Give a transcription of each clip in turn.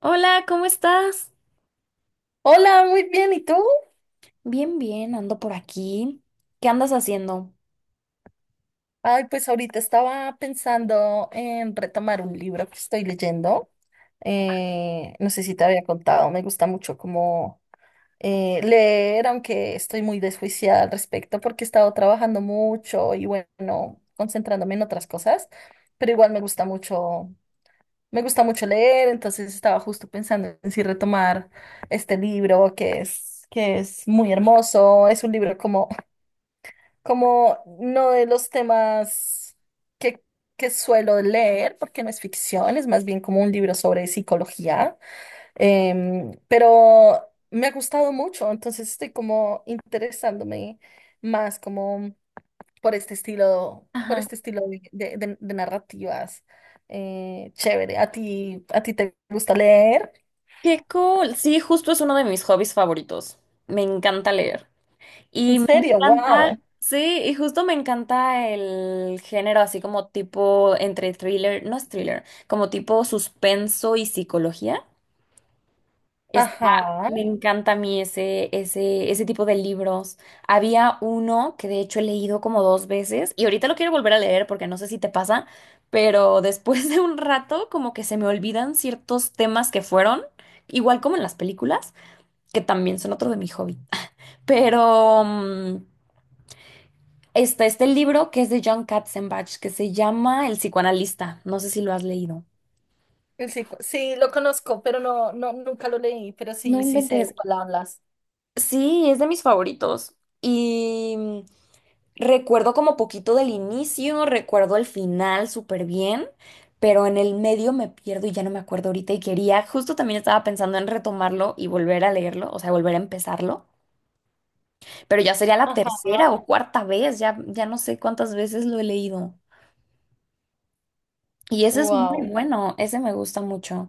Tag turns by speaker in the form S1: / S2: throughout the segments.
S1: Hola, ¿cómo estás?
S2: Hola, muy bien, ¿y tú?
S1: Bien, bien, ando por aquí. ¿Qué andas haciendo?
S2: Ay, pues ahorita estaba pensando en retomar un libro que estoy leyendo. No sé si te había contado, me gusta mucho como leer, aunque estoy muy desjuiciada al respecto porque he estado trabajando mucho y bueno, concentrándome en otras cosas, pero igual me gusta mucho leer. Entonces estaba justo pensando en si retomar este libro que es muy hermoso. Es un libro como no de los temas que, que suelo leer, porque no es ficción, es más bien como un libro sobre psicología. Pero me ha gustado mucho, entonces estoy como interesándome más como por
S1: Ajá.
S2: este estilo de narrativas. Chévere, ¿a ti te gusta leer?
S1: Qué cool. Sí, justo es uno de mis hobbies favoritos. Me encanta leer.
S2: ¿En
S1: Y me
S2: serio?
S1: encanta,
S2: ¡Wow!
S1: sí, y justo me encanta el género así como tipo entre thriller, no es thriller, como tipo suspenso y psicología. Está-
S2: Ajá.
S1: Me encanta a mí ese, ese, ese tipo de libros. Había uno que de hecho he leído como dos veces y ahorita lo quiero volver a leer porque no sé si te pasa, pero después de un rato como que se me olvidan ciertos temas que fueron, igual como en las películas, que también son otro de mi hobby. Pero está este libro que es de John Katzenbach que se llama El psicoanalista. No sé si lo has leído.
S2: Sí, lo conozco, pero no, no, nunca lo leí, pero
S1: No
S2: sí, sí sé de
S1: inventes.
S2: cuál hablas.
S1: Sí, es de mis favoritos. Y recuerdo como poquito del inicio, recuerdo el final súper bien, pero en el medio me pierdo y ya no me acuerdo ahorita y quería, justo también estaba pensando en retomarlo y volver a leerlo, o sea, volver a empezarlo, pero ya sería la
S2: Ajá.
S1: tercera o cuarta vez, ya, ya no sé cuántas veces lo he leído. Y ese es muy
S2: Wow.
S1: bueno, ese me gusta mucho.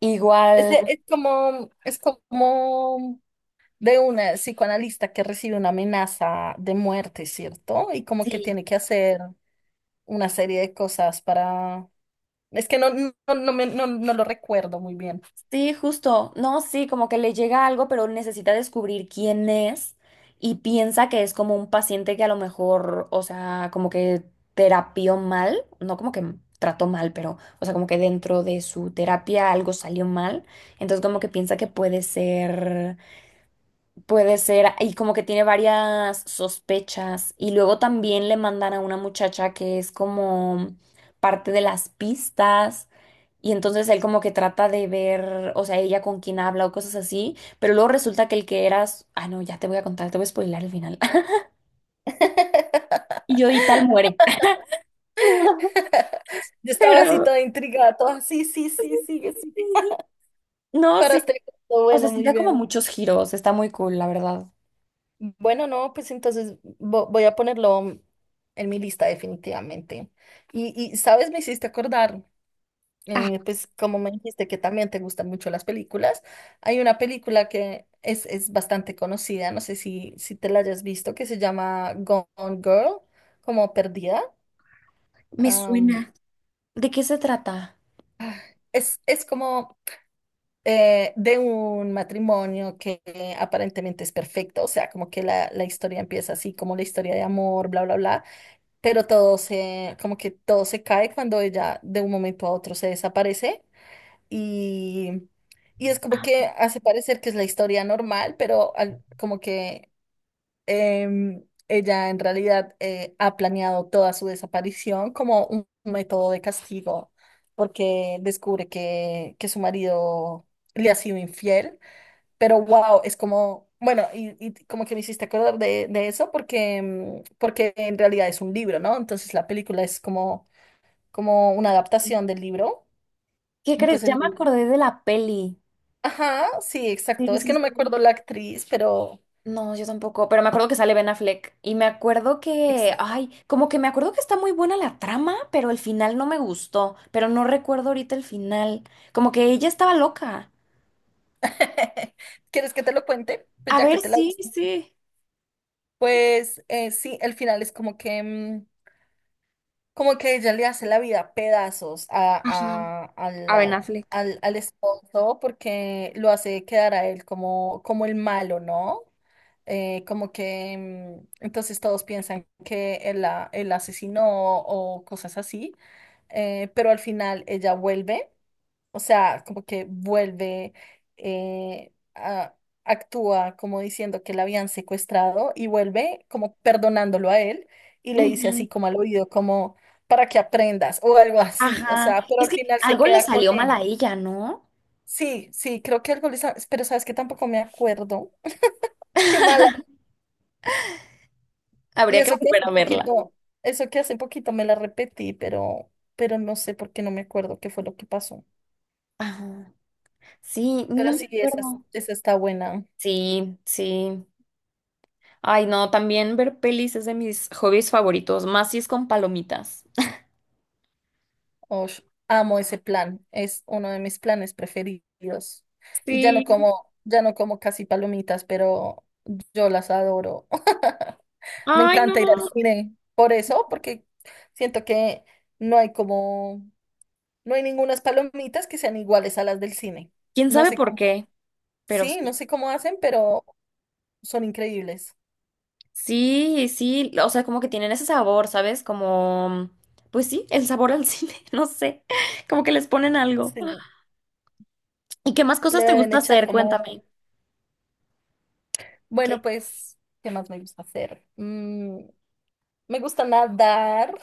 S1: Igual,
S2: Ese es como, de una psicoanalista que recibe una amenaza de muerte, ¿cierto? Y como que
S1: sí,
S2: tiene que hacer una serie de cosas para… Es que no, no, no, no, no lo recuerdo muy bien.
S1: sí, justo. No, sí, como que le llega algo, pero necesita descubrir quién es y piensa que es como un paciente que a lo mejor, o sea, como que terapió mal, no como que trató mal, pero, o sea, como que dentro de su terapia algo salió mal. Entonces, como que piensa que puede ser. Puede ser, y como que tiene varias sospechas. Y luego también le mandan a una muchacha que es como parte de las pistas. Y entonces él como que trata de ver, o sea, ella con quién habla o cosas así. Pero luego resulta que el que eras, ah, no, ya te voy a contar, te voy a spoilar el final. Y yo y tal muere. No,
S2: Yo estaba así
S1: pero
S2: toda intrigada, toda, sí, sí, sí, sigue, sigue.
S1: no,
S2: Para
S1: sí.
S2: este gusto,
S1: O sea,
S2: bueno,
S1: sí
S2: muy
S1: da como
S2: bien.
S1: muchos giros. Está muy cool, la verdad.
S2: Bueno, no, pues entonces voy a ponerlo en mi lista definitivamente. Y, sabes, me hiciste acordar, pues como me dijiste que también te gustan mucho las películas, hay una película que es bastante conocida, no sé si te la hayas visto, que se llama Gone Girl, como Perdida.
S1: Me
S2: Am,
S1: suena. ¿De qué se trata?
S2: es, como de un matrimonio que aparentemente es perfecto. O sea, como que la, historia empieza así, como la historia de amor, bla, bla, bla, pero como que todo se cae cuando ella de un momento a otro se desaparece. Y, es como
S1: Ah,
S2: que hace parecer que es la historia normal, pero como que ella en realidad ha planeado toda su desaparición como un método de castigo, porque descubre que su marido le ha sido infiel. Pero wow, es como, bueno. Y, como que me hiciste acordar de eso, porque, porque en realidad es un libro, ¿no? Entonces la película es como, una
S1: sí.
S2: adaptación del libro.
S1: ¿Qué
S2: Y
S1: crees?
S2: pues
S1: Ya
S2: el…
S1: me acordé de la peli.
S2: Ajá, sí,
S1: Sí,
S2: exacto. Es que
S1: sí,
S2: no me
S1: sí.
S2: acuerdo la actriz, pero…
S1: No, yo tampoco, pero me acuerdo que sale Ben Affleck y me acuerdo que,
S2: Exacto.
S1: ay, como que me acuerdo que está muy buena la trama, pero el final no me gustó, pero no recuerdo ahorita el final, como que ella estaba loca.
S2: ¿Quieres que te lo cuente? Pues
S1: A
S2: ya
S1: ver,
S2: que te la
S1: sí,
S2: viste.
S1: sí.
S2: Pues sí, el final es como que, como que ella le hace la vida a pedazos a,
S1: Ajá, a Ben Affleck.
S2: al esposo, porque lo hace quedar a él como, el malo, ¿no? Como que entonces todos piensan que él la asesinó o cosas así. Pero al final ella vuelve. O sea, como que vuelve, eh, a- actúa como diciendo que la habían secuestrado y vuelve como perdonándolo a él y le dice
S1: Ujú.
S2: así como al oído, como para que aprendas o algo así. O
S1: Ajá,
S2: sea, pero
S1: es
S2: al
S1: que
S2: final se
S1: algo le
S2: queda con
S1: salió mal a
S2: él.
S1: ella, ¿no?
S2: Sí, sí, creo que algo pero sabes que tampoco me acuerdo. Qué mala. Y
S1: Habría que
S2: eso que
S1: volver
S2: hace
S1: a verla.
S2: poquito, eso que hace poquito me la repetí, pero, no sé por qué no me acuerdo qué fue lo que pasó.
S1: Ajá. Sí, no
S2: Pero
S1: me
S2: sí, esa,
S1: acuerdo.
S2: está buena.
S1: Sí, sí. Ay, no, también ver pelis es de mis hobbies favoritos, más si es con palomitas.
S2: Ush, amo ese plan, es uno de mis planes preferidos. Y
S1: Sí.
S2: ya no como casi palomitas, pero yo las adoro. Me
S1: Ay,
S2: encanta ir al
S1: no.
S2: cine por eso, porque siento que no hay como, no hay ningunas palomitas que sean iguales a las del cine.
S1: ¿Quién
S2: No
S1: sabe
S2: sé
S1: por
S2: cómo,
S1: qué? Pero
S2: sí, no
S1: sí.
S2: sé cómo hacen, pero son increíbles.
S1: Sí, sí, o sea, como que tienen ese sabor, ¿sabes? Como, pues sí, el sabor al cine, no sé, como que les ponen algo.
S2: Sí,
S1: ¿Y qué más
S2: le
S1: cosas te
S2: deben
S1: gusta
S2: echar
S1: hacer?
S2: como,
S1: Cuéntame. ¿Qué?
S2: bueno, pues, ¿qué más me gusta hacer? Mm, me gusta nadar.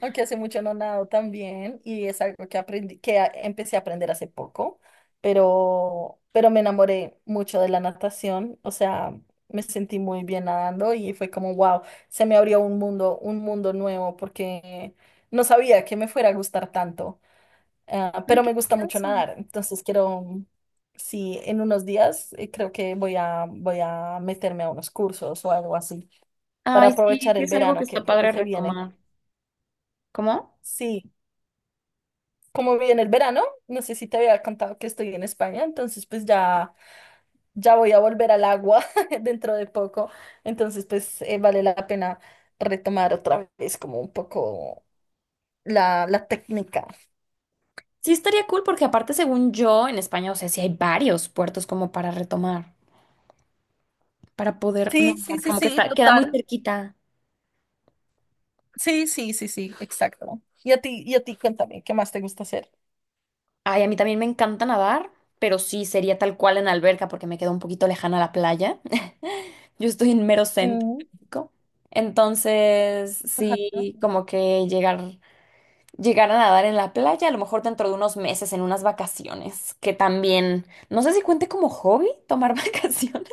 S2: Aunque hace mucho no nado también, y es algo que aprendí, que empecé a aprender hace poco. Pero, me enamoré mucho de la natación. O sea, me sentí muy bien nadando y fue como, wow, se me abrió un mundo nuevo, porque no sabía que me fuera a gustar tanto.
S1: Ay,
S2: Pero
S1: qué
S2: me gusta mucho
S1: curioso.
S2: nadar, entonces quiero, sí, en unos días creo que voy a meterme a unos cursos o algo así, para
S1: Ay, sí,
S2: aprovechar
S1: sí
S2: el
S1: es algo que
S2: verano
S1: está
S2: que
S1: padre
S2: se viene.
S1: retomar. ¿Cómo?
S2: Sí. Como viene el verano, no sé si te había contado que estoy en España, entonces pues ya, ya voy a volver al agua dentro de poco. Entonces pues vale la pena retomar otra vez como un poco la, técnica.
S1: Sí, estaría cool porque aparte, según yo, en España, o sea, sí hay varios puertos como para retomar. Para poder
S2: Sí, sí,
S1: nadar,
S2: sí,
S1: como que
S2: sí,
S1: está, queda muy
S2: total.
S1: cerquita.
S2: Sí, sí, sí, sí, exacto. Y a ti, cuéntame, ¿qué más te gusta hacer?
S1: Ay, a mí también me encanta nadar, pero sí sería tal cual en alberca porque me quedo un poquito lejana a la playa. Yo estoy en mero centro
S2: Mm,
S1: de México. Entonces,
S2: ajá.
S1: sí, como que llegar, llegar a nadar en la playa, a lo mejor dentro de unos meses, en unas vacaciones, que también, no sé si cuente como hobby tomar vacaciones.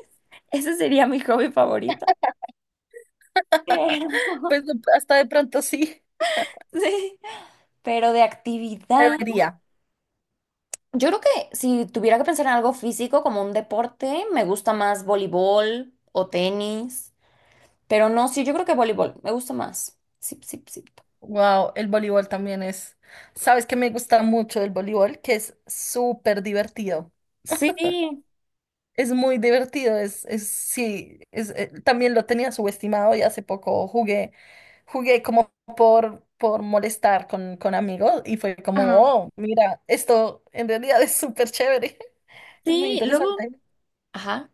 S1: Ese sería mi hobby favorito. Pero,
S2: Pues hasta de pronto sí,
S1: sí, pero de actividad.
S2: debería.
S1: Yo creo que si tuviera que pensar en algo físico como un deporte, me gusta más voleibol o tenis, pero no, sí, yo creo que voleibol me gusta más. Sí, sí, sí.
S2: Wow, el voleibol también es. ¿Sabes qué me gusta mucho del voleibol? Que es súper divertido.
S1: Sí,
S2: Es muy divertido, también lo tenía subestimado, y hace poco jugué, como por molestar con amigos, y fue como,
S1: Ajá.
S2: oh, mira, esto en realidad es súper chévere. Es muy
S1: Sí, luego,
S2: interesante.
S1: ajá.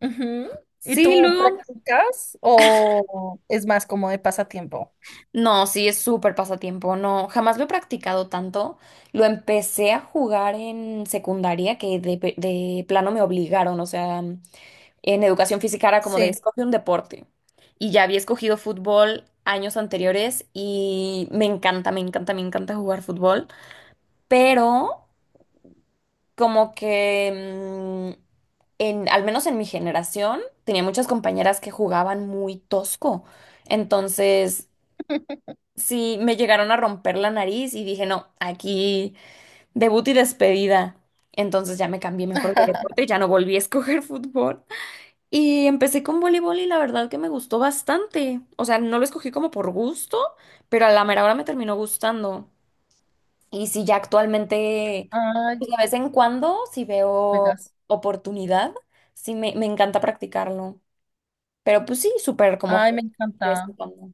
S2: Ujú. ¿Y
S1: Sí,
S2: tú
S1: luego.
S2: practicas o es más como de pasatiempo?
S1: No, sí, es súper pasatiempo. No, jamás lo he practicado tanto. Lo empecé a jugar en secundaria que de, de plano me obligaron. O sea, en educación física era como de
S2: Sí.
S1: escoge un deporte. Y ya había escogido fútbol años anteriores y me encanta, me encanta, me encanta jugar fútbol. Pero como que, mm, en, al menos en mi generación, tenía muchas compañeras que jugaban muy tosco. Entonces, sí, me llegaron a romper la nariz y dije, no, aquí debut y despedida. Entonces ya me cambié mejor de deporte, ya no volví a escoger fútbol. Y empecé con voleibol y la verdad que me gustó bastante. O sea, no lo escogí como por gusto, pero a la mera hora me terminó gustando. Y sí, ya actualmente,
S2: Ay,
S1: pues de vez en cuando, si veo
S2: juegas.
S1: oportunidad, sí me encanta practicarlo. Pero pues sí,
S2: Ay, me
S1: de vez en
S2: encanta.
S1: cuando.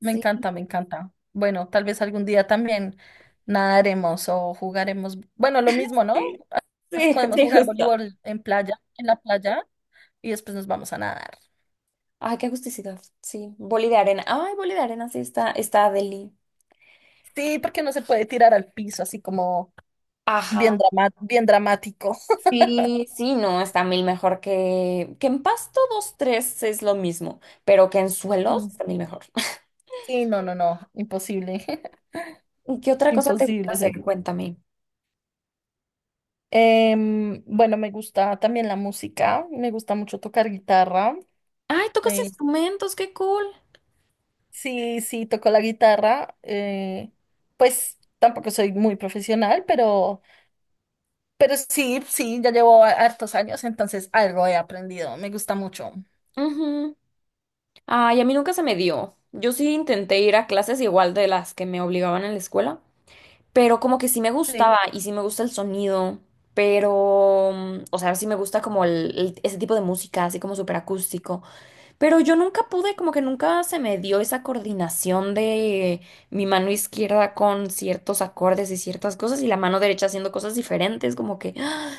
S2: Me
S1: Sí,
S2: encanta, me encanta. Bueno, tal vez algún día también nadaremos o jugaremos. Bueno, lo mismo, ¿no?
S1: sí,
S2: Más.
S1: sí,
S2: Podemos
S1: sí,
S2: jugar
S1: justo.
S2: voleibol en playa, en la playa, y después nos vamos a nadar.
S1: Ay, qué agusticidad. Sí, boli de arena. Ay, boli de arena, sí está, está deli.
S2: Sí, porque no se puede tirar al piso así como
S1: Ajá.
S2: bien dramático.
S1: Sí, sí, no, está mil mejor que en pasto dos, tres es lo mismo, pero que en suelos
S2: Mm.
S1: está mil mejor.
S2: Sí, no, no, no, imposible.
S1: ¿Y qué otra cosa te gusta
S2: Imposible
S1: hacer?
S2: sería.
S1: Cuéntame.
S2: Bueno, me gusta también la música, me gusta mucho tocar guitarra.
S1: Ay, tocas
S2: eh,
S1: instrumentos, qué cool.
S2: Sí, sí, toco la guitarra. Pues tampoco soy muy profesional, pero, sí, sí, ya llevo hartos años, entonces algo he aprendido. Me gusta mucho.
S1: Ujú. Ay, a mí nunca se me dio. Yo sí intenté ir a clases igual de las que me obligaban en la escuela, pero como que sí me
S2: Sí,
S1: gustaba y sí me gusta el sonido, pero, o sea, sí me gusta como el, ese tipo de música, así como súper acústico. Pero yo nunca pude, como que nunca se me dio esa coordinación de mi mano izquierda con ciertos acordes y ciertas cosas y la mano derecha haciendo cosas diferentes, como que ¡ah!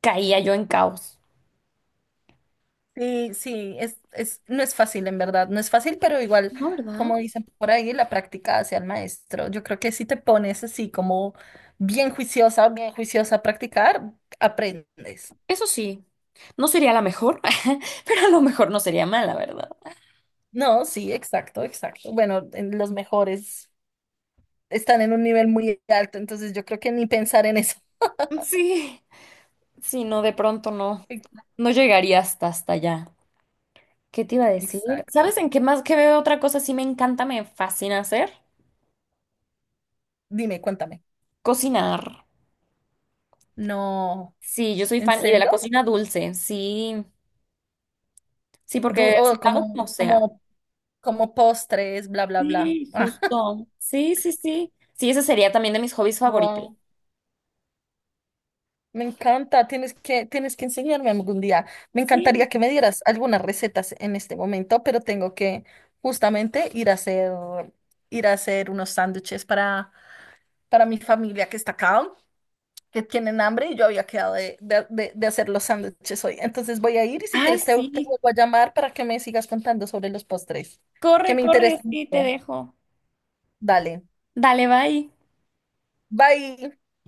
S1: Caía yo en caos.
S2: sí, sí, no es fácil, en verdad, no es fácil, pero igual,
S1: No,
S2: como
S1: ¿verdad?
S2: dicen por ahí, la práctica hace al maestro. Yo creo que si te pones así como bien juiciosa a practicar, aprendes.
S1: Eso sí, no sería la mejor, pero a lo mejor no sería mala, ¿verdad?
S2: No, sí, exacto, exacto. Bueno, en los mejores están, en un nivel muy alto, entonces yo creo que ni pensar en eso.
S1: Sí, sí, no, de pronto no, no llegaría hasta allá. ¿Qué te iba a decir?
S2: Exacto.
S1: ¿Sabes en qué más que veo otra cosa sí me encanta, me fascina hacer?
S2: Dime, cuéntame.
S1: Cocinar.
S2: No,
S1: Sí, yo soy
S2: ¿en
S1: fan y de la
S2: serio?
S1: cocina dulce, sí. Sí, porque si
S2: Oh,
S1: pago
S2: como,
S1: como sea.
S2: como postres, bla, bla, bla.
S1: Sí,
S2: Ah,
S1: justo. Sí, sí, sí. Sí, ese sería también de mis hobbies favoritos.
S2: wow, me encanta. Tienes que, enseñarme algún día. Me
S1: Sí.
S2: encantaría que me dieras algunas recetas en este momento, pero tengo que justamente ir a hacer unos sándwiches para, mi familia que está acá, que tienen hambre, y yo había quedado de hacer los sándwiches hoy. Entonces voy a ir, y si
S1: Ay,
S2: quieres te,
S1: sí.
S2: vuelvo a llamar para que me sigas contando sobre los postres, que
S1: Corre,
S2: me
S1: corre,
S2: interesan
S1: sí, te
S2: mucho.
S1: dejo.
S2: Dale,
S1: Dale, bye.
S2: bye.